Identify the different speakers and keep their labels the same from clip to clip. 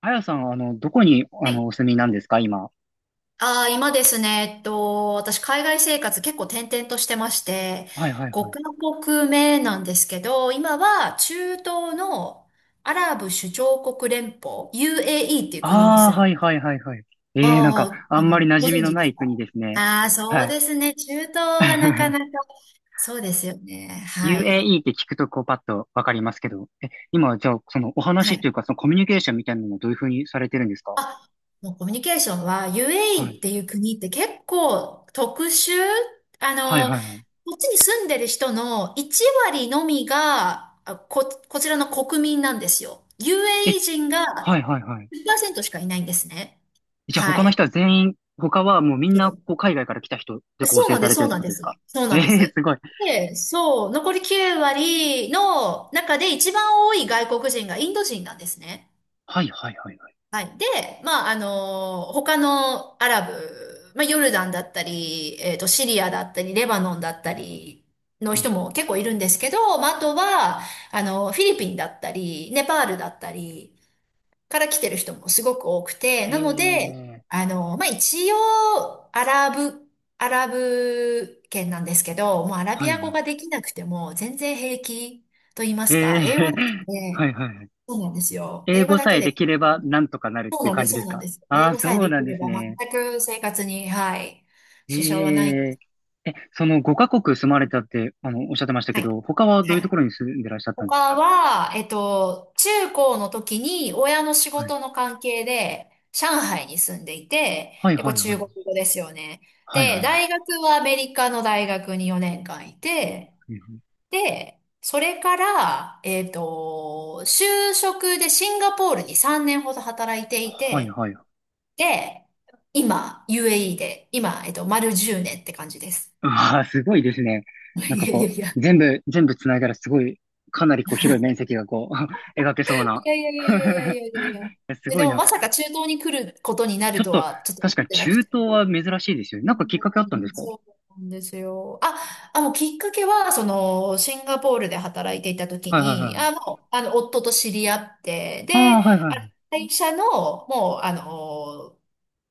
Speaker 1: あやさん、どこに、
Speaker 2: はい。
Speaker 1: お住みなんですか、今。
Speaker 2: 今ですね、私、海外生活結構転々としてまして、
Speaker 1: はいはいはい。
Speaker 2: 5カ国目なんですけど、今は中東のアラブ首長国連邦、UAE っていう国に
Speaker 1: ああ、
Speaker 2: 住ん
Speaker 1: はい
Speaker 2: で、
Speaker 1: はいはいはい。ええ、なんか、
Speaker 2: ああ、
Speaker 1: あ
Speaker 2: う
Speaker 1: んまり
Speaker 2: ん、
Speaker 1: 馴
Speaker 2: ご
Speaker 1: 染み
Speaker 2: 存
Speaker 1: の
Speaker 2: 知で
Speaker 1: な
Speaker 2: す
Speaker 1: い
Speaker 2: か？
Speaker 1: 国ですね。
Speaker 2: ああー、そう
Speaker 1: はい。
Speaker 2: ですね。中東はなかなか。そうですよね。はい。
Speaker 1: UAE って聞くと、こう、パッとわかりますけど。え、今、じゃあ、その、お
Speaker 2: は
Speaker 1: 話と
Speaker 2: い。
Speaker 1: いうか、その、コミュニケーションみたいなのをどういうふうにされてるんですか？
Speaker 2: あ、もうコミュニケーションは、
Speaker 1: は
Speaker 2: UAE っ
Speaker 1: い。
Speaker 2: ていう国って結構特殊。
Speaker 1: はいは
Speaker 2: こ
Speaker 1: いはい。
Speaker 2: っちに住んでる人の1割のみが、こちらの国民なんですよ。
Speaker 1: え、
Speaker 2: UAE 人
Speaker 1: は
Speaker 2: が
Speaker 1: いはいはい。
Speaker 2: 10%しかいないんですね。
Speaker 1: じゃあ、
Speaker 2: は
Speaker 1: 他の
Speaker 2: い。
Speaker 1: 人は全員、他はもうみんな、こう、
Speaker 2: そ
Speaker 1: 海外から来た人で
Speaker 2: う
Speaker 1: 構
Speaker 2: そう
Speaker 1: 成
Speaker 2: なん
Speaker 1: さ
Speaker 2: です、
Speaker 1: れて
Speaker 2: そ
Speaker 1: る
Speaker 2: う
Speaker 1: って
Speaker 2: なん
Speaker 1: こと
Speaker 2: で
Speaker 1: ですか？
Speaker 2: す。そう
Speaker 1: え
Speaker 2: なんで
Speaker 1: え、
Speaker 2: す。
Speaker 1: すごい。
Speaker 2: で、そう、残り9割の中で一番多い外国人がインド人なんですね。
Speaker 1: はいはいはいはい。
Speaker 2: はい。で、まあ、他のアラブ、まあ、ヨルダンだったり、シリアだったり、レバノンだったりの
Speaker 1: うん。
Speaker 2: 人も結構いるんですけど、まあ、あとは、フィリピンだったり、ネパールだったりから来てる人もすごく多くて、
Speaker 1: え
Speaker 2: なので、
Speaker 1: え、
Speaker 2: まあ、一応、アラブ圏なんですけど、もうアラ
Speaker 1: は
Speaker 2: ビ
Speaker 1: いは
Speaker 2: ア語
Speaker 1: い。
Speaker 2: ができなくても全然平気と言いま
Speaker 1: え
Speaker 2: す
Speaker 1: え
Speaker 2: か、英語だけ
Speaker 1: は
Speaker 2: で。
Speaker 1: いはいはい。
Speaker 2: そうなんですよ。
Speaker 1: 英
Speaker 2: 英語
Speaker 1: 語
Speaker 2: だ
Speaker 1: さ
Speaker 2: け
Speaker 1: えで
Speaker 2: で。
Speaker 1: きればなんとかなる
Speaker 2: そ
Speaker 1: っ
Speaker 2: う
Speaker 1: ていう
Speaker 2: なんで
Speaker 1: 感
Speaker 2: す、
Speaker 1: じで
Speaker 2: そう
Speaker 1: す
Speaker 2: なん
Speaker 1: か？
Speaker 2: です。
Speaker 1: あ
Speaker 2: 英
Speaker 1: あー、
Speaker 2: 語さえ
Speaker 1: そう
Speaker 2: で
Speaker 1: なん
Speaker 2: き
Speaker 1: で
Speaker 2: れ
Speaker 1: す
Speaker 2: ば
Speaker 1: ね。
Speaker 2: 全く生活に、はい、
Speaker 1: え
Speaker 2: 支障はない。
Speaker 1: ええ、その5カ国住まれたって、おっしゃってましたけ
Speaker 2: はい、
Speaker 1: ど、他はど
Speaker 2: は
Speaker 1: ういうと
Speaker 2: い。
Speaker 1: ころに住んでらっしゃったんです
Speaker 2: 他
Speaker 1: か？
Speaker 2: は、中高の時に親の仕
Speaker 1: はい、
Speaker 2: 事の関係で上海に住んでいて、
Speaker 1: はい
Speaker 2: で、こ
Speaker 1: は
Speaker 2: れ
Speaker 1: いは
Speaker 2: 中
Speaker 1: い。
Speaker 2: 国語ですよね。
Speaker 1: はいは
Speaker 2: で、
Speaker 1: いはい。
Speaker 2: 大学はアメリカの大学に4年間いて、
Speaker 1: はい
Speaker 2: で、それから、就職でシンガポールに3年ほど働いてい
Speaker 1: は
Speaker 2: て、
Speaker 1: い。
Speaker 2: で、今、UAE で、今、丸10年って感じです。
Speaker 1: ああ、すごいですね。なん
Speaker 2: い
Speaker 1: か
Speaker 2: やい
Speaker 1: こ
Speaker 2: やい
Speaker 1: う、
Speaker 2: や。
Speaker 1: 全部繋いだらすごい、かなりこう広い面積がこう、描けそうな。
Speaker 2: いやいやいやいやい やいやいやいや。
Speaker 1: す
Speaker 2: で、
Speaker 1: ご
Speaker 2: で
Speaker 1: い
Speaker 2: も
Speaker 1: な。
Speaker 2: まさか中東に来ることにな
Speaker 1: ち
Speaker 2: る
Speaker 1: ょっ
Speaker 2: と
Speaker 1: と、
Speaker 2: はちょっと
Speaker 1: 確
Speaker 2: 思
Speaker 1: か
Speaker 2: っ
Speaker 1: に
Speaker 2: てなく
Speaker 1: 中東
Speaker 2: て。
Speaker 1: は珍しいですよね。
Speaker 2: う
Speaker 1: なんかきっかけあったんです
Speaker 2: ん、
Speaker 1: か？は
Speaker 2: そうなんですよ。あ、もうきっかけは、その、シンガポールで働いていた時
Speaker 1: いはい
Speaker 2: に、
Speaker 1: は
Speaker 2: あ、
Speaker 1: い。
Speaker 2: もう、夫と知り合って、
Speaker 1: あ
Speaker 2: で、
Speaker 1: あ、はいはい
Speaker 2: あ
Speaker 1: はい。
Speaker 2: 会社の、もう、あの、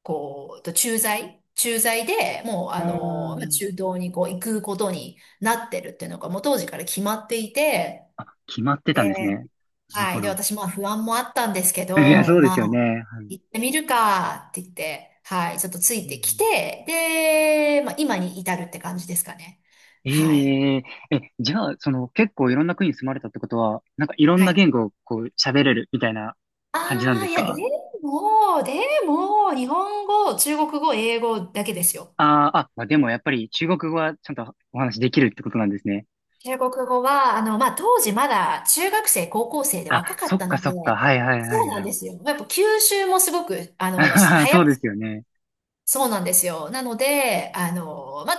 Speaker 2: こう、と駐在、駐在でもう、
Speaker 1: あ
Speaker 2: まあ中東にこう行くことになってるっていうのが、もう当時から決まっていて、
Speaker 1: あ、あ、決まってたんです
Speaker 2: で、
Speaker 1: ね。なる
Speaker 2: は
Speaker 1: ほ
Speaker 2: い。で、
Speaker 1: ど。
Speaker 2: 私、まあ不安もあったんですけ
Speaker 1: いや、
Speaker 2: ど、
Speaker 1: そうで
Speaker 2: ま
Speaker 1: すよね。
Speaker 2: あ、
Speaker 1: はい。
Speaker 2: 行ってみるかって言って、はい。ちょっとついてきて、で、まあ今に至るって感じですかね。
Speaker 1: え
Speaker 2: はい。
Speaker 1: えじゃあ、その、結構いろんな国に住まれたってことは、なんかいろん
Speaker 2: は
Speaker 1: な
Speaker 2: い。
Speaker 1: 言語をこう喋れるみたいな
Speaker 2: あ
Speaker 1: 感じなん
Speaker 2: あ、
Speaker 1: です
Speaker 2: いや、で
Speaker 1: か？
Speaker 2: も、でも、日本語、中国語、英語だけですよ。
Speaker 1: ああー、あ、まあ、でもやっぱり中国語はちゃんとお話できるってことなんですね。
Speaker 2: 中国語は、まあ、当時まだ中学生、高校生で
Speaker 1: あ、
Speaker 2: 若か
Speaker 1: そ
Speaker 2: っ
Speaker 1: っ
Speaker 2: た
Speaker 1: か
Speaker 2: の
Speaker 1: そっか。
Speaker 2: で、
Speaker 1: はいはいは
Speaker 2: そう
Speaker 1: いは
Speaker 2: なん
Speaker 1: い。
Speaker 2: ですよ。やっぱ吸収もすごく、
Speaker 1: あはは
Speaker 2: 早
Speaker 1: そ
Speaker 2: く、
Speaker 1: うですよね。
Speaker 2: そうなんですよ。なので、あの、ま、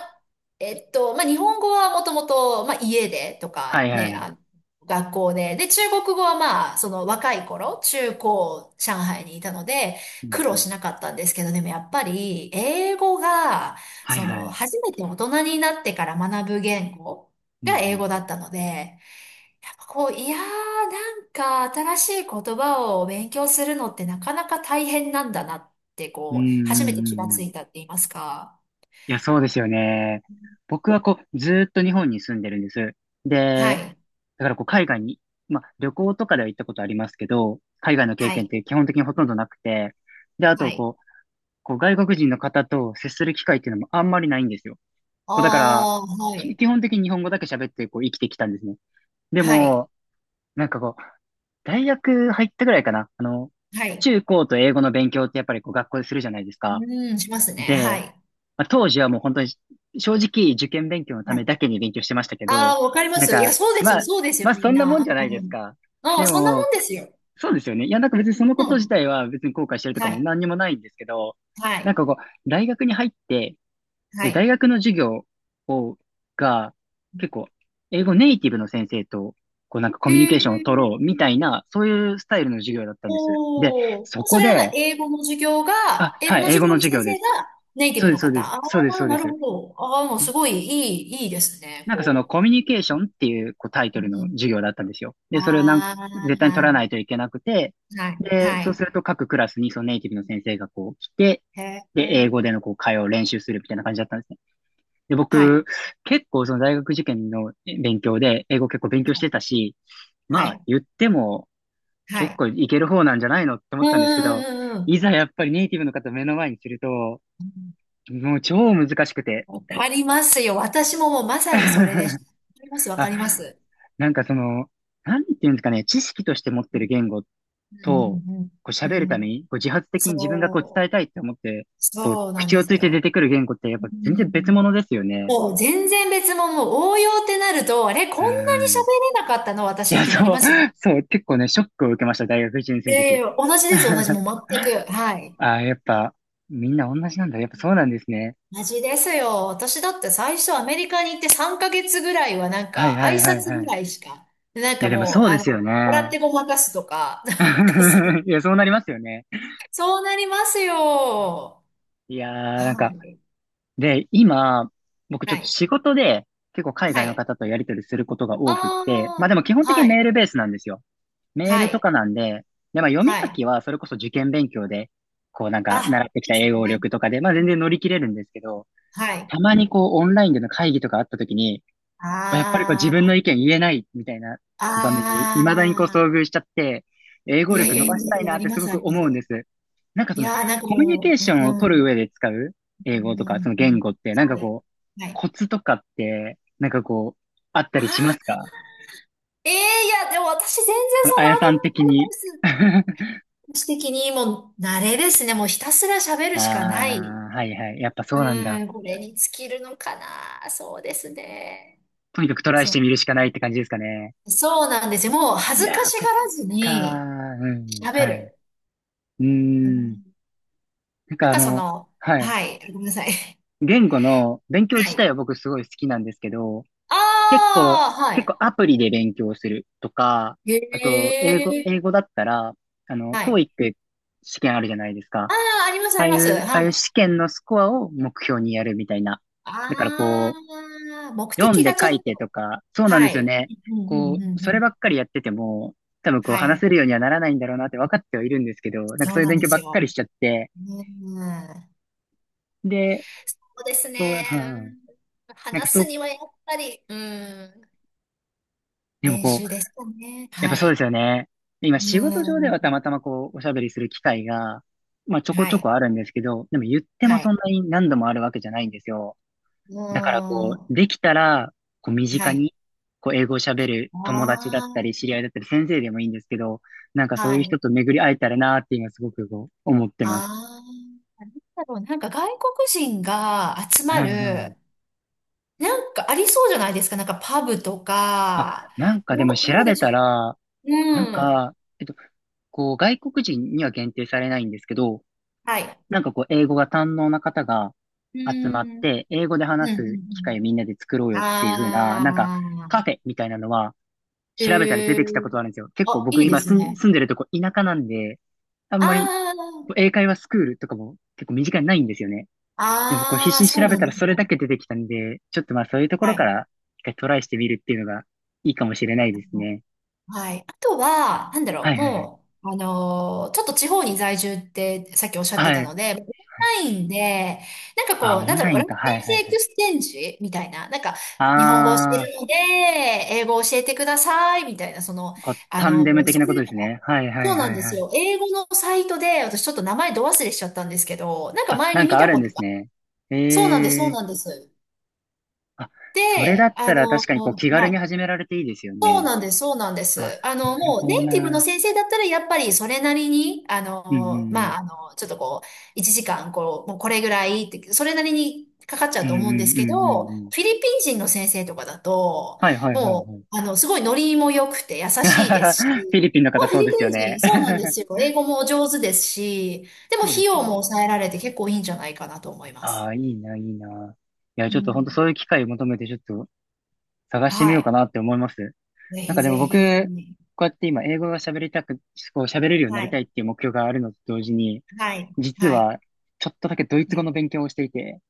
Speaker 2: えっと、ま、日本語はもともと、家でと
Speaker 1: は
Speaker 2: か
Speaker 1: いはい
Speaker 2: ね、
Speaker 1: はい。
Speaker 2: 学校で、で、中国語はまあ、その若い頃、中高、上海にいたので、
Speaker 1: うん
Speaker 2: 苦
Speaker 1: う
Speaker 2: 労
Speaker 1: ん、
Speaker 2: しなかったんですけど、でもやっぱり、英語が、
Speaker 1: はい
Speaker 2: そ
Speaker 1: は
Speaker 2: の、
Speaker 1: い。
Speaker 2: 初めて大人になってから学ぶ言語
Speaker 1: うんう
Speaker 2: が英語だっ
Speaker 1: ん
Speaker 2: たので、いやー、なんか新しい言葉を勉強するのってなかなか大変なんだなって、
Speaker 1: うん。う
Speaker 2: 初
Speaker 1: んう
Speaker 2: めて
Speaker 1: んう
Speaker 2: 気が
Speaker 1: んう
Speaker 2: つい
Speaker 1: ん。
Speaker 2: たって言いますか。
Speaker 1: いや、そうですよね。僕はこう、ずーっと日本に住んでるんです。
Speaker 2: は
Speaker 1: で、
Speaker 2: い。
Speaker 1: だからこう、海外に、まあ、旅行とかでは行ったことありますけど、海外の経
Speaker 2: は
Speaker 1: 験っ
Speaker 2: い。
Speaker 1: て基本的にほとんどなくて、で、あ
Speaker 2: は
Speaker 1: と
Speaker 2: い。
Speaker 1: こう、外国人の方と接する機会っていうのもあんまりないんですよ。こう、だから、
Speaker 2: ああ、は
Speaker 1: き
Speaker 2: い。
Speaker 1: 基本的に日本語だけ喋ってこう、生きてきたんですね。で
Speaker 2: はい。
Speaker 1: も、なんかこう、大学入ったぐらいかな。
Speaker 2: はい。
Speaker 1: 中高と英語の勉強ってやっぱりこう、学校でするじゃないです
Speaker 2: う
Speaker 1: か。
Speaker 2: ーん、しますね。
Speaker 1: で、
Speaker 2: はい。
Speaker 1: まあ、当時はもう本当に正直受験勉強のた
Speaker 2: は
Speaker 1: め
Speaker 2: い。
Speaker 1: だけに勉強してましたけど、
Speaker 2: ああ、わかりま
Speaker 1: なん
Speaker 2: す。いや、
Speaker 1: か、
Speaker 2: そうです
Speaker 1: ま
Speaker 2: よ。
Speaker 1: あ、
Speaker 2: そうですよ、
Speaker 1: まあ
Speaker 2: み
Speaker 1: そ
Speaker 2: ん
Speaker 1: んなもん
Speaker 2: な。
Speaker 1: じゃないで
Speaker 2: う
Speaker 1: す
Speaker 2: ん。
Speaker 1: か。
Speaker 2: ああ、
Speaker 1: で
Speaker 2: そんなも
Speaker 1: も、
Speaker 2: んですよ。
Speaker 1: そうですよね。いや、なんか別にその
Speaker 2: う
Speaker 1: こと自
Speaker 2: ん。
Speaker 1: 体は別に後悔してるとか
Speaker 2: は
Speaker 1: も
Speaker 2: い。
Speaker 1: 何にもないんですけど、
Speaker 2: は
Speaker 1: なん
Speaker 2: い。
Speaker 1: かこう、大学に入って、
Speaker 2: は
Speaker 1: え大
Speaker 2: い。
Speaker 1: 学の授業を、が、結構、英語ネイティブの先生と、こうなんかコ
Speaker 2: へ
Speaker 1: ミュニケーションを取ろう
Speaker 2: え。
Speaker 1: みたいな、そういうスタイルの授業だったんです。で、
Speaker 2: おー。
Speaker 1: そ
Speaker 2: そ
Speaker 1: こ
Speaker 2: れは
Speaker 1: で、あ、
Speaker 2: 英語
Speaker 1: は
Speaker 2: の
Speaker 1: い、英
Speaker 2: 授
Speaker 1: 語
Speaker 2: 業
Speaker 1: の
Speaker 2: の
Speaker 1: 授
Speaker 2: 先
Speaker 1: 業で
Speaker 2: 生
Speaker 1: す。
Speaker 2: がネイティ
Speaker 1: そう
Speaker 2: ブ
Speaker 1: で
Speaker 2: の
Speaker 1: す、そう
Speaker 2: 方？
Speaker 1: です、
Speaker 2: あ
Speaker 1: そうです、そ
Speaker 2: あ、
Speaker 1: うで
Speaker 2: なる
Speaker 1: す。
Speaker 2: ほど。ああ、もうすごいいいですね。
Speaker 1: なんかその
Speaker 2: こ
Speaker 1: コミュニケーションっていうこうタイ
Speaker 2: う。
Speaker 1: ト
Speaker 2: う
Speaker 1: ルの
Speaker 2: ん。
Speaker 1: 授業だったんですよ。で、それをなん
Speaker 2: ああ、
Speaker 1: 絶対に取らないといけなくて、
Speaker 2: はい、
Speaker 1: で、
Speaker 2: は
Speaker 1: そう
Speaker 2: い。
Speaker 1: すると各クラスにそのネイティブの先生がこう来て、
Speaker 2: へ
Speaker 1: で、英
Speaker 2: え、
Speaker 1: 語でのこう会話を練習するみたいな感じだったんですね。で、
Speaker 2: はい、
Speaker 1: 僕、結構その大学受験の勉強で、英語結構勉強してたし、
Speaker 2: は
Speaker 1: まあ
Speaker 2: い、
Speaker 1: 言っても
Speaker 2: は
Speaker 1: 結
Speaker 2: い。
Speaker 1: 構いける方なんじゃないのって思
Speaker 2: うん
Speaker 1: ったんですけど、
Speaker 2: うんうん
Speaker 1: いざやっぱりネイティブの方を目の前にすると、もう超難しくて。
Speaker 2: うん。わかりますよ。私ももうまさにそれでした。わかります、わか
Speaker 1: あ、
Speaker 2: ります。
Speaker 1: なんかその、なんていうんですかね、知識として持ってる
Speaker 2: う
Speaker 1: 言語
Speaker 2: ん
Speaker 1: と、こう
Speaker 2: うんうん。
Speaker 1: 喋る
Speaker 2: う
Speaker 1: ため
Speaker 2: ん。
Speaker 1: に、こう自発的に自分がこう伝
Speaker 2: そ
Speaker 1: え
Speaker 2: う、
Speaker 1: たいって思って、こう
Speaker 2: そうなん
Speaker 1: 口
Speaker 2: で
Speaker 1: をつ
Speaker 2: す
Speaker 1: いて出
Speaker 2: よ。
Speaker 1: てくる言語ってやっ
Speaker 2: うん
Speaker 1: ぱ
Speaker 2: う
Speaker 1: 全
Speaker 2: んう
Speaker 1: 然別物
Speaker 2: ん。
Speaker 1: ですよね。
Speaker 2: もう全然別物、もう応用ってなると、あれ、こ
Speaker 1: う
Speaker 2: んなに
Speaker 1: ん。い
Speaker 2: 喋れなかったの私っ
Speaker 1: や、
Speaker 2: てなり
Speaker 1: そう、
Speaker 2: ますよね。
Speaker 1: そう、結構ね、ショックを受けました、大学1
Speaker 2: い
Speaker 1: 年生
Speaker 2: や
Speaker 1: の
Speaker 2: い
Speaker 1: 時。
Speaker 2: や、同じです、同じ、も う全く。はい。
Speaker 1: ああ、やっぱ、みんな同じなんだ。やっぱそうなんですね。
Speaker 2: 同じですよ。私だって最初アメリカに行って3ヶ月ぐらいはなん
Speaker 1: はい
Speaker 2: か
Speaker 1: は
Speaker 2: 挨
Speaker 1: いはい
Speaker 2: 拶
Speaker 1: は
Speaker 2: ぐ
Speaker 1: い。
Speaker 2: らいしか、なん
Speaker 1: い
Speaker 2: か
Speaker 1: や、でも
Speaker 2: も
Speaker 1: そう
Speaker 2: う、
Speaker 1: ですよ
Speaker 2: 笑っ
Speaker 1: ね。
Speaker 2: てごまかすとか、なんかそう、
Speaker 1: いや、そうなりますよね。
Speaker 2: そうなりますよ。
Speaker 1: いやー、な
Speaker 2: は
Speaker 1: んか、
Speaker 2: い。
Speaker 1: で、今、僕ちょ
Speaker 2: は
Speaker 1: っと
Speaker 2: い。
Speaker 1: 仕事で結構海
Speaker 2: は
Speaker 1: 外の
Speaker 2: い。
Speaker 1: 方とやり取りすることが多くって、まあで
Speaker 2: あ
Speaker 1: も基本
Speaker 2: あ、
Speaker 1: 的に
Speaker 2: は
Speaker 1: メー
Speaker 2: い。
Speaker 1: ルベースなんですよ。メー
Speaker 2: は
Speaker 1: ルと
Speaker 2: い。
Speaker 1: かなんで、で、まあ読み
Speaker 2: は
Speaker 1: 書
Speaker 2: い。
Speaker 1: きはそれこそ受験勉強で、こうなんか
Speaker 2: あ、
Speaker 1: 習ってき
Speaker 2: いい
Speaker 1: た
Speaker 2: です
Speaker 1: 英語
Speaker 2: ね。
Speaker 1: 力とかで、まあ全然乗り切れるんですけど、
Speaker 2: はい。
Speaker 1: たまにこうオンラインでの会議とかあった時に、こうやっぱりこう自
Speaker 2: あ
Speaker 1: 分の
Speaker 2: あ。
Speaker 1: 意見言えないみたいなこう場面に未だにこう
Speaker 2: ああ、
Speaker 1: 遭遇しちゃって、英
Speaker 2: い
Speaker 1: 語
Speaker 2: や
Speaker 1: 力
Speaker 2: いや
Speaker 1: 伸
Speaker 2: い
Speaker 1: ばし
Speaker 2: や
Speaker 1: た
Speaker 2: い
Speaker 1: い
Speaker 2: や、
Speaker 1: な
Speaker 2: あ
Speaker 1: っ
Speaker 2: り
Speaker 1: て
Speaker 2: ま
Speaker 1: すご
Speaker 2: す、あ
Speaker 1: く
Speaker 2: りま
Speaker 1: 思うん
Speaker 2: す。
Speaker 1: です。なんか
Speaker 2: い
Speaker 1: その、
Speaker 2: やー、なんか
Speaker 1: コミュニケー
Speaker 2: もう、
Speaker 1: ショ
Speaker 2: う
Speaker 1: ンを
Speaker 2: ん、う
Speaker 1: 取る上
Speaker 2: ん、
Speaker 1: で使う
Speaker 2: う
Speaker 1: 英語
Speaker 2: ん。
Speaker 1: とか、
Speaker 2: う
Speaker 1: その言
Speaker 2: ん、
Speaker 1: 語って、なんか
Speaker 2: はい、
Speaker 1: こう、
Speaker 2: はい。
Speaker 1: コツとかって、なんかこう、あった
Speaker 2: あ
Speaker 1: りします
Speaker 2: あ、
Speaker 1: か？
Speaker 2: ええ、いや、でも私全然
Speaker 1: その
Speaker 2: そん
Speaker 1: あ
Speaker 2: な
Speaker 1: や
Speaker 2: アド、
Speaker 1: さん的
Speaker 2: アドバ
Speaker 1: に。あ
Speaker 2: イス的にもう、慣れですね。もうひたすら喋
Speaker 1: あ、
Speaker 2: るしかない。
Speaker 1: はいはい。やっぱそうなんだ。
Speaker 2: うん、これに尽きるのかな。そうですね。
Speaker 1: とにかくトライして
Speaker 2: そ
Speaker 1: みるしかないって感じですかね。
Speaker 2: う、そうなんですよ。もう恥
Speaker 1: い
Speaker 2: ず
Speaker 1: やー、
Speaker 2: かし
Speaker 1: そっ
Speaker 2: がらず
Speaker 1: かー。
Speaker 2: に
Speaker 1: うん。
Speaker 2: 喋
Speaker 1: はい。
Speaker 2: る。
Speaker 1: う
Speaker 2: う
Speaker 1: ーん。
Speaker 2: ん、
Speaker 1: なん
Speaker 2: な
Speaker 1: か
Speaker 2: んかその、
Speaker 1: はい。
Speaker 2: はい、ごめんなさい。
Speaker 1: 言語の勉 強
Speaker 2: は
Speaker 1: 自体
Speaker 2: い。
Speaker 1: は僕すごい好きなんですけど、
Speaker 2: あ
Speaker 1: 結構、
Speaker 2: あ、は
Speaker 1: 結
Speaker 2: い。
Speaker 1: 構アプリで勉強するとか、
Speaker 2: へ
Speaker 1: あと、英語、
Speaker 2: え。
Speaker 1: 英語だったら、
Speaker 2: はい。あ
Speaker 1: TOEIC 試験あるじゃないです
Speaker 2: あ、
Speaker 1: か。
Speaker 2: あります、
Speaker 1: あ
Speaker 2: あ
Speaker 1: あ
Speaker 2: り
Speaker 1: い
Speaker 2: ます。
Speaker 1: う、あ
Speaker 2: は
Speaker 1: あいう
Speaker 2: い。
Speaker 1: 試験のスコアを目標にやるみたいな。
Speaker 2: あ
Speaker 1: だからこ
Speaker 2: あ、目
Speaker 1: う、読ん
Speaker 2: 的
Speaker 1: で
Speaker 2: がち
Speaker 1: 書
Speaker 2: ょ
Speaker 1: い
Speaker 2: っ
Speaker 1: てと
Speaker 2: と。
Speaker 1: か、そうなんで
Speaker 2: は
Speaker 1: すよ
Speaker 2: い。
Speaker 1: ね。
Speaker 2: うんう
Speaker 1: こ
Speaker 2: ん
Speaker 1: う、
Speaker 2: うん
Speaker 1: そ
Speaker 2: う
Speaker 1: れ
Speaker 2: ん。
Speaker 1: ばっかりやってても、多分こう
Speaker 2: は
Speaker 1: 話
Speaker 2: い。
Speaker 1: せるようにはならないんだろうなって分かってはいるんですけど、なんか
Speaker 2: そ
Speaker 1: そ
Speaker 2: う
Speaker 1: ういう
Speaker 2: なん
Speaker 1: 勉
Speaker 2: で
Speaker 1: 強
Speaker 2: す
Speaker 1: ばっかり
Speaker 2: よ。
Speaker 1: しちゃって、
Speaker 2: うん。
Speaker 1: で、
Speaker 2: そうですね。
Speaker 1: こう、う
Speaker 2: う
Speaker 1: ん、
Speaker 2: ん、
Speaker 1: なんか
Speaker 2: 話
Speaker 1: そ
Speaker 2: す
Speaker 1: う、
Speaker 2: にはやっぱり、うん。
Speaker 1: でも
Speaker 2: 練
Speaker 1: こう、
Speaker 2: 習ですかね。
Speaker 1: やっぱ
Speaker 2: は
Speaker 1: そうで
Speaker 2: い。
Speaker 1: すよね。で今仕事上で
Speaker 2: う
Speaker 1: はた
Speaker 2: ん。
Speaker 1: またまこう、おしゃべりする機会が、まあちょこ
Speaker 2: は
Speaker 1: ちょ
Speaker 2: い。
Speaker 1: こあるんですけど、でも言っても
Speaker 2: は
Speaker 1: そ
Speaker 2: い。
Speaker 1: んなに何度もあるわけじゃないんですよ。
Speaker 2: う
Speaker 1: だからこ
Speaker 2: ん。
Speaker 1: う、で
Speaker 2: は
Speaker 1: きたら、こう身近
Speaker 2: い。
Speaker 1: に、こう英語を喋る友達だったり、
Speaker 2: あ
Speaker 1: 知り合いだったり、先生でもいいんですけど、なんか
Speaker 2: あ、
Speaker 1: そ
Speaker 2: は
Speaker 1: ういう
Speaker 2: い。
Speaker 1: 人と巡り会えたらなーって今すごくこう、思ってます。
Speaker 2: ああ。だろう、なんか外国人が集
Speaker 1: は
Speaker 2: ま
Speaker 1: いはい。
Speaker 2: る、なんかありそうじゃないですか。なんかパブと
Speaker 1: あ、
Speaker 2: か、
Speaker 1: なんかで
Speaker 2: ど
Speaker 1: も
Speaker 2: う、
Speaker 1: 調
Speaker 2: どうで
Speaker 1: べ
Speaker 2: し
Speaker 1: た
Speaker 2: ょ
Speaker 1: ら、
Speaker 2: う？
Speaker 1: なん
Speaker 2: うん。
Speaker 1: か、えっと、こう、外国人には限定されないんですけど、
Speaker 2: はい。
Speaker 1: なんかこう、英語が堪能な方が
Speaker 2: う
Speaker 1: 集まっ
Speaker 2: ん。うん、
Speaker 1: て、英語で
Speaker 2: うん、う
Speaker 1: 話す機会
Speaker 2: ん。
Speaker 1: をみんなで作ろうよっていう風な、なんか
Speaker 2: あ
Speaker 1: カ
Speaker 2: あ、
Speaker 1: フェみたいなのは調べたら出
Speaker 2: へえ。
Speaker 1: てきたことあるんですよ。結構
Speaker 2: あ、い
Speaker 1: 僕
Speaker 2: いで
Speaker 1: 今
Speaker 2: す
Speaker 1: 住ん
Speaker 2: ね。
Speaker 1: 住んでるとこ田舎なんで、あんまり
Speaker 2: あ
Speaker 1: こう英会話スクールとかも結構身近にないんですよね。でもこう必
Speaker 2: あ、あ
Speaker 1: 死
Speaker 2: あ、
Speaker 1: に
Speaker 2: そ
Speaker 1: 調
Speaker 2: う
Speaker 1: べ
Speaker 2: なん
Speaker 1: た
Speaker 2: で
Speaker 1: ら
Speaker 2: すね。
Speaker 1: それだけ出てきたんで、ちょっとまあそういうとこ
Speaker 2: は
Speaker 1: ろか
Speaker 2: い。
Speaker 1: ら一回トライしてみるっていうのがいいかもしれないですね。
Speaker 2: はい。あとは、なんだ
Speaker 1: は
Speaker 2: ろ
Speaker 1: い
Speaker 2: う、
Speaker 1: はいはい。
Speaker 2: もう、ちょっと地方に在住ってさっきおっしゃっ
Speaker 1: は
Speaker 2: て
Speaker 1: い。
Speaker 2: たので、オン
Speaker 1: はい。
Speaker 2: ラインで、なんか
Speaker 1: あ、
Speaker 2: こう、
Speaker 1: オ
Speaker 2: なん
Speaker 1: ン
Speaker 2: だ
Speaker 1: ラ
Speaker 2: ろう、
Speaker 1: イン
Speaker 2: ラテ
Speaker 1: か。はい
Speaker 2: ン系
Speaker 1: はい
Speaker 2: エ
Speaker 1: はい。
Speaker 2: クスチェンジみたいな、なんか、日本語を教え
Speaker 1: ああ。
Speaker 2: るので、英語を教えてください、みたいな、その、
Speaker 1: こう、タンデム的
Speaker 2: そ
Speaker 1: な
Speaker 2: う
Speaker 1: こ
Speaker 2: い
Speaker 1: と
Speaker 2: う
Speaker 1: で
Speaker 2: の
Speaker 1: す
Speaker 2: が、
Speaker 1: ね。はいはい
Speaker 2: そ
Speaker 1: はい
Speaker 2: うなんで
Speaker 1: は
Speaker 2: す
Speaker 1: い。
Speaker 2: よ。英語のサイトで、私ちょっと名前ど忘れしちゃったんですけど、なんか
Speaker 1: あ、
Speaker 2: 前
Speaker 1: な
Speaker 2: に
Speaker 1: ん
Speaker 2: 見
Speaker 1: かあ
Speaker 2: た
Speaker 1: る
Speaker 2: こ
Speaker 1: んで
Speaker 2: と
Speaker 1: す
Speaker 2: が、
Speaker 1: ね。
Speaker 2: そうなんです、そう
Speaker 1: ええ。
Speaker 2: なんです。
Speaker 1: あ、それだ
Speaker 2: で、
Speaker 1: ったら確かにこう気軽
Speaker 2: は
Speaker 1: に
Speaker 2: い、
Speaker 1: 始められていいですよ
Speaker 2: そう
Speaker 1: ね。
Speaker 2: なんです、そうなんで
Speaker 1: あ、
Speaker 2: す。
Speaker 1: なる
Speaker 2: もう
Speaker 1: ほど
Speaker 2: ネイティブの
Speaker 1: な。
Speaker 2: 先生だったら、やっぱりそれなりに、
Speaker 1: うんう
Speaker 2: まあ、
Speaker 1: ん
Speaker 2: ちょっとこう、1時間、こう、もうこれぐらいって、それなりにかかっちゃ
Speaker 1: う
Speaker 2: う
Speaker 1: ん。
Speaker 2: と思
Speaker 1: う
Speaker 2: うんです
Speaker 1: んう
Speaker 2: けど、
Speaker 1: んうんう
Speaker 2: フ
Speaker 1: んうん。
Speaker 2: ィリピン人の先生とかだと、
Speaker 1: はいはいはい
Speaker 2: も
Speaker 1: はい。
Speaker 2: う、すごいノリも良くて優
Speaker 1: フ
Speaker 2: しいです
Speaker 1: ィ
Speaker 2: し、
Speaker 1: リピンの
Speaker 2: ま
Speaker 1: 方
Speaker 2: あ、フィ
Speaker 1: そう
Speaker 2: リ
Speaker 1: です
Speaker 2: ピ
Speaker 1: よ
Speaker 2: ン
Speaker 1: ね。
Speaker 2: 人、そうなんですよ。英語も上手ですし、でも
Speaker 1: そうで
Speaker 2: 費
Speaker 1: す
Speaker 2: 用
Speaker 1: よね。
Speaker 2: も抑えられて結構いいんじゃないかなと思いま
Speaker 1: あ
Speaker 2: す。
Speaker 1: あ、いいな、いいな。いや、
Speaker 2: う
Speaker 1: ちょっと本当
Speaker 2: ん。
Speaker 1: そういう機会を求めてちょっと探してみ
Speaker 2: は
Speaker 1: ようか
Speaker 2: い。
Speaker 1: なって思います。
Speaker 2: ぜ
Speaker 1: なん
Speaker 2: ひ
Speaker 1: かで
Speaker 2: ぜ
Speaker 1: も僕、
Speaker 2: ひ。
Speaker 1: こうやって今英語が喋りたく、こう喋れるようにな
Speaker 2: は
Speaker 1: りた
Speaker 2: い。
Speaker 1: いっていう目標があるのと同時に、
Speaker 2: はい。
Speaker 1: 実
Speaker 2: はい。
Speaker 1: はちょっとだけドイツ
Speaker 2: は
Speaker 1: 語
Speaker 2: い。
Speaker 1: の勉強をしていて。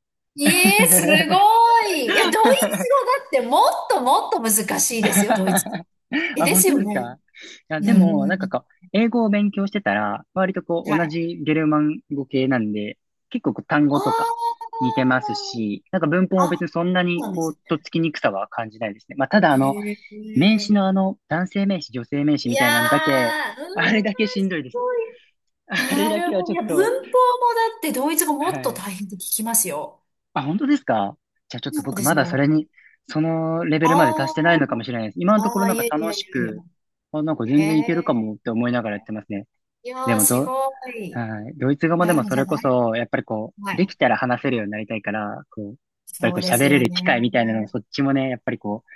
Speaker 2: ええ、すごい。いや、ドイツ語 だってもっともっと難しいですよ、ドイツ語。え、
Speaker 1: あ、
Speaker 2: で
Speaker 1: 本
Speaker 2: す
Speaker 1: 当
Speaker 2: よ
Speaker 1: です
Speaker 2: ね。
Speaker 1: か？いや、でも、
Speaker 2: うん。
Speaker 1: なんかこう、英語を勉強してたら、割とこう、
Speaker 2: は
Speaker 1: 同
Speaker 2: い。
Speaker 1: じゲルマン語系なんで、結構こう単語とか
Speaker 2: あ
Speaker 1: 似てますし、なんか文法も
Speaker 2: あ、
Speaker 1: 別
Speaker 2: あ、
Speaker 1: にそんな
Speaker 2: そ
Speaker 1: に
Speaker 2: うなんで
Speaker 1: こ
Speaker 2: す
Speaker 1: う、とっ
Speaker 2: ね。
Speaker 1: つきにくさは感じないですね。まあ、ただ
Speaker 2: え
Speaker 1: 名詞
Speaker 2: え。
Speaker 1: の男性名詞、女性名詞
Speaker 2: い
Speaker 1: み
Speaker 2: や
Speaker 1: たいなんだけ、
Speaker 2: ー、うん、す
Speaker 1: あれだけしんどいです。
Speaker 2: ごい、
Speaker 1: あれ
Speaker 2: な
Speaker 1: だ
Speaker 2: る
Speaker 1: けは
Speaker 2: ほど。
Speaker 1: ちょ
Speaker 2: い
Speaker 1: っ
Speaker 2: や、文法
Speaker 1: と、
Speaker 2: もだってドイツ語もっ
Speaker 1: は
Speaker 2: と
Speaker 1: い。
Speaker 2: 大変って聞きますよ。
Speaker 1: あ、本当ですか？じゃあちょっ
Speaker 2: そ
Speaker 1: と
Speaker 2: うなん
Speaker 1: 僕
Speaker 2: で
Speaker 1: ま
Speaker 2: す
Speaker 1: だそ
Speaker 2: よ。
Speaker 1: れに、そのレベル
Speaker 2: あ
Speaker 1: まで
Speaker 2: あ、
Speaker 1: 達してないのかもしれないです。今のとこ
Speaker 2: あ
Speaker 1: ろ
Speaker 2: あ、
Speaker 1: なん
Speaker 2: い
Speaker 1: か
Speaker 2: やい
Speaker 1: 楽
Speaker 2: やい
Speaker 1: し
Speaker 2: やい
Speaker 1: く、
Speaker 2: や。
Speaker 1: あ、なんか
Speaker 2: へ
Speaker 1: 全然いけるか
Speaker 2: え。
Speaker 1: もって思いながらやってますね。
Speaker 2: い
Speaker 1: で
Speaker 2: やー、
Speaker 1: も
Speaker 2: す
Speaker 1: ど、
Speaker 2: ごい。い
Speaker 1: はい。ドイツ語もで
Speaker 2: や、で
Speaker 1: も
Speaker 2: も
Speaker 1: そ
Speaker 2: じ
Speaker 1: れ
Speaker 2: ゃ
Speaker 1: こ
Speaker 2: ない。
Speaker 1: そ、やっぱりこ
Speaker 2: は
Speaker 1: う、で
Speaker 2: い。
Speaker 1: きたら話せるようになりたいから、こう、やっぱり
Speaker 2: そ
Speaker 1: こ
Speaker 2: う
Speaker 1: う
Speaker 2: です
Speaker 1: 喋れ
Speaker 2: よ
Speaker 1: る機会みたいなのを
Speaker 2: ね。
Speaker 1: そっちもね、やっぱりこう、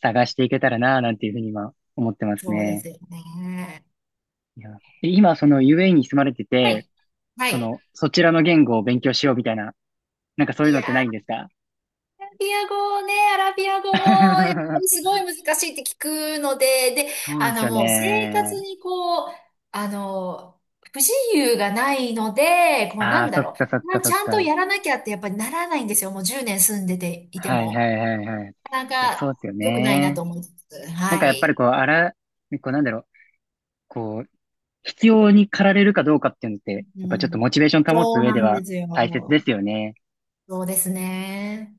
Speaker 1: 探していけたらな、なんていうふうに今思ってます
Speaker 2: そうで
Speaker 1: ね。
Speaker 2: すよね。
Speaker 1: いや、で今、その UAE に住まれて
Speaker 2: は
Speaker 1: て、
Speaker 2: い。は
Speaker 1: そ
Speaker 2: い。
Speaker 1: の、そちらの言語を勉強しようみたいな、なんかそういう
Speaker 2: い
Speaker 1: の
Speaker 2: や
Speaker 1: ってないん
Speaker 2: ー、
Speaker 1: ですか？
Speaker 2: アラビア語も、やっぱりす ごい難しいって聞くので、で、
Speaker 1: そうですよ
Speaker 2: もう生活
Speaker 1: ね。
Speaker 2: にこう、あの、不自由がないので、こう、
Speaker 1: あ
Speaker 2: な
Speaker 1: あ、
Speaker 2: んだ
Speaker 1: そっ
Speaker 2: ろ
Speaker 1: かそっ
Speaker 2: う、まあ、
Speaker 1: かそ
Speaker 2: ち
Speaker 1: っ
Speaker 2: ゃんと
Speaker 1: か。
Speaker 2: やらなきゃってやっぱりならないんですよ。もう10年住んでていて
Speaker 1: はいは
Speaker 2: も。
Speaker 1: いはいはい。い
Speaker 2: なかな
Speaker 1: や、そう
Speaker 2: か
Speaker 1: ですよ
Speaker 2: 良くないな
Speaker 1: ね。
Speaker 2: と思いつつ、
Speaker 1: なんか
Speaker 2: は
Speaker 1: やっぱり
Speaker 2: い。
Speaker 1: こう、あら、こうなんだろう、こう、必要に駆られるかどうかっていうのって、
Speaker 2: う
Speaker 1: やっぱちょっと
Speaker 2: ん。
Speaker 1: モチベーション保つ
Speaker 2: そう
Speaker 1: 上
Speaker 2: な
Speaker 1: で
Speaker 2: んで
Speaker 1: は
Speaker 2: す
Speaker 1: 大切で
Speaker 2: よ。
Speaker 1: すよね。
Speaker 2: そうですね。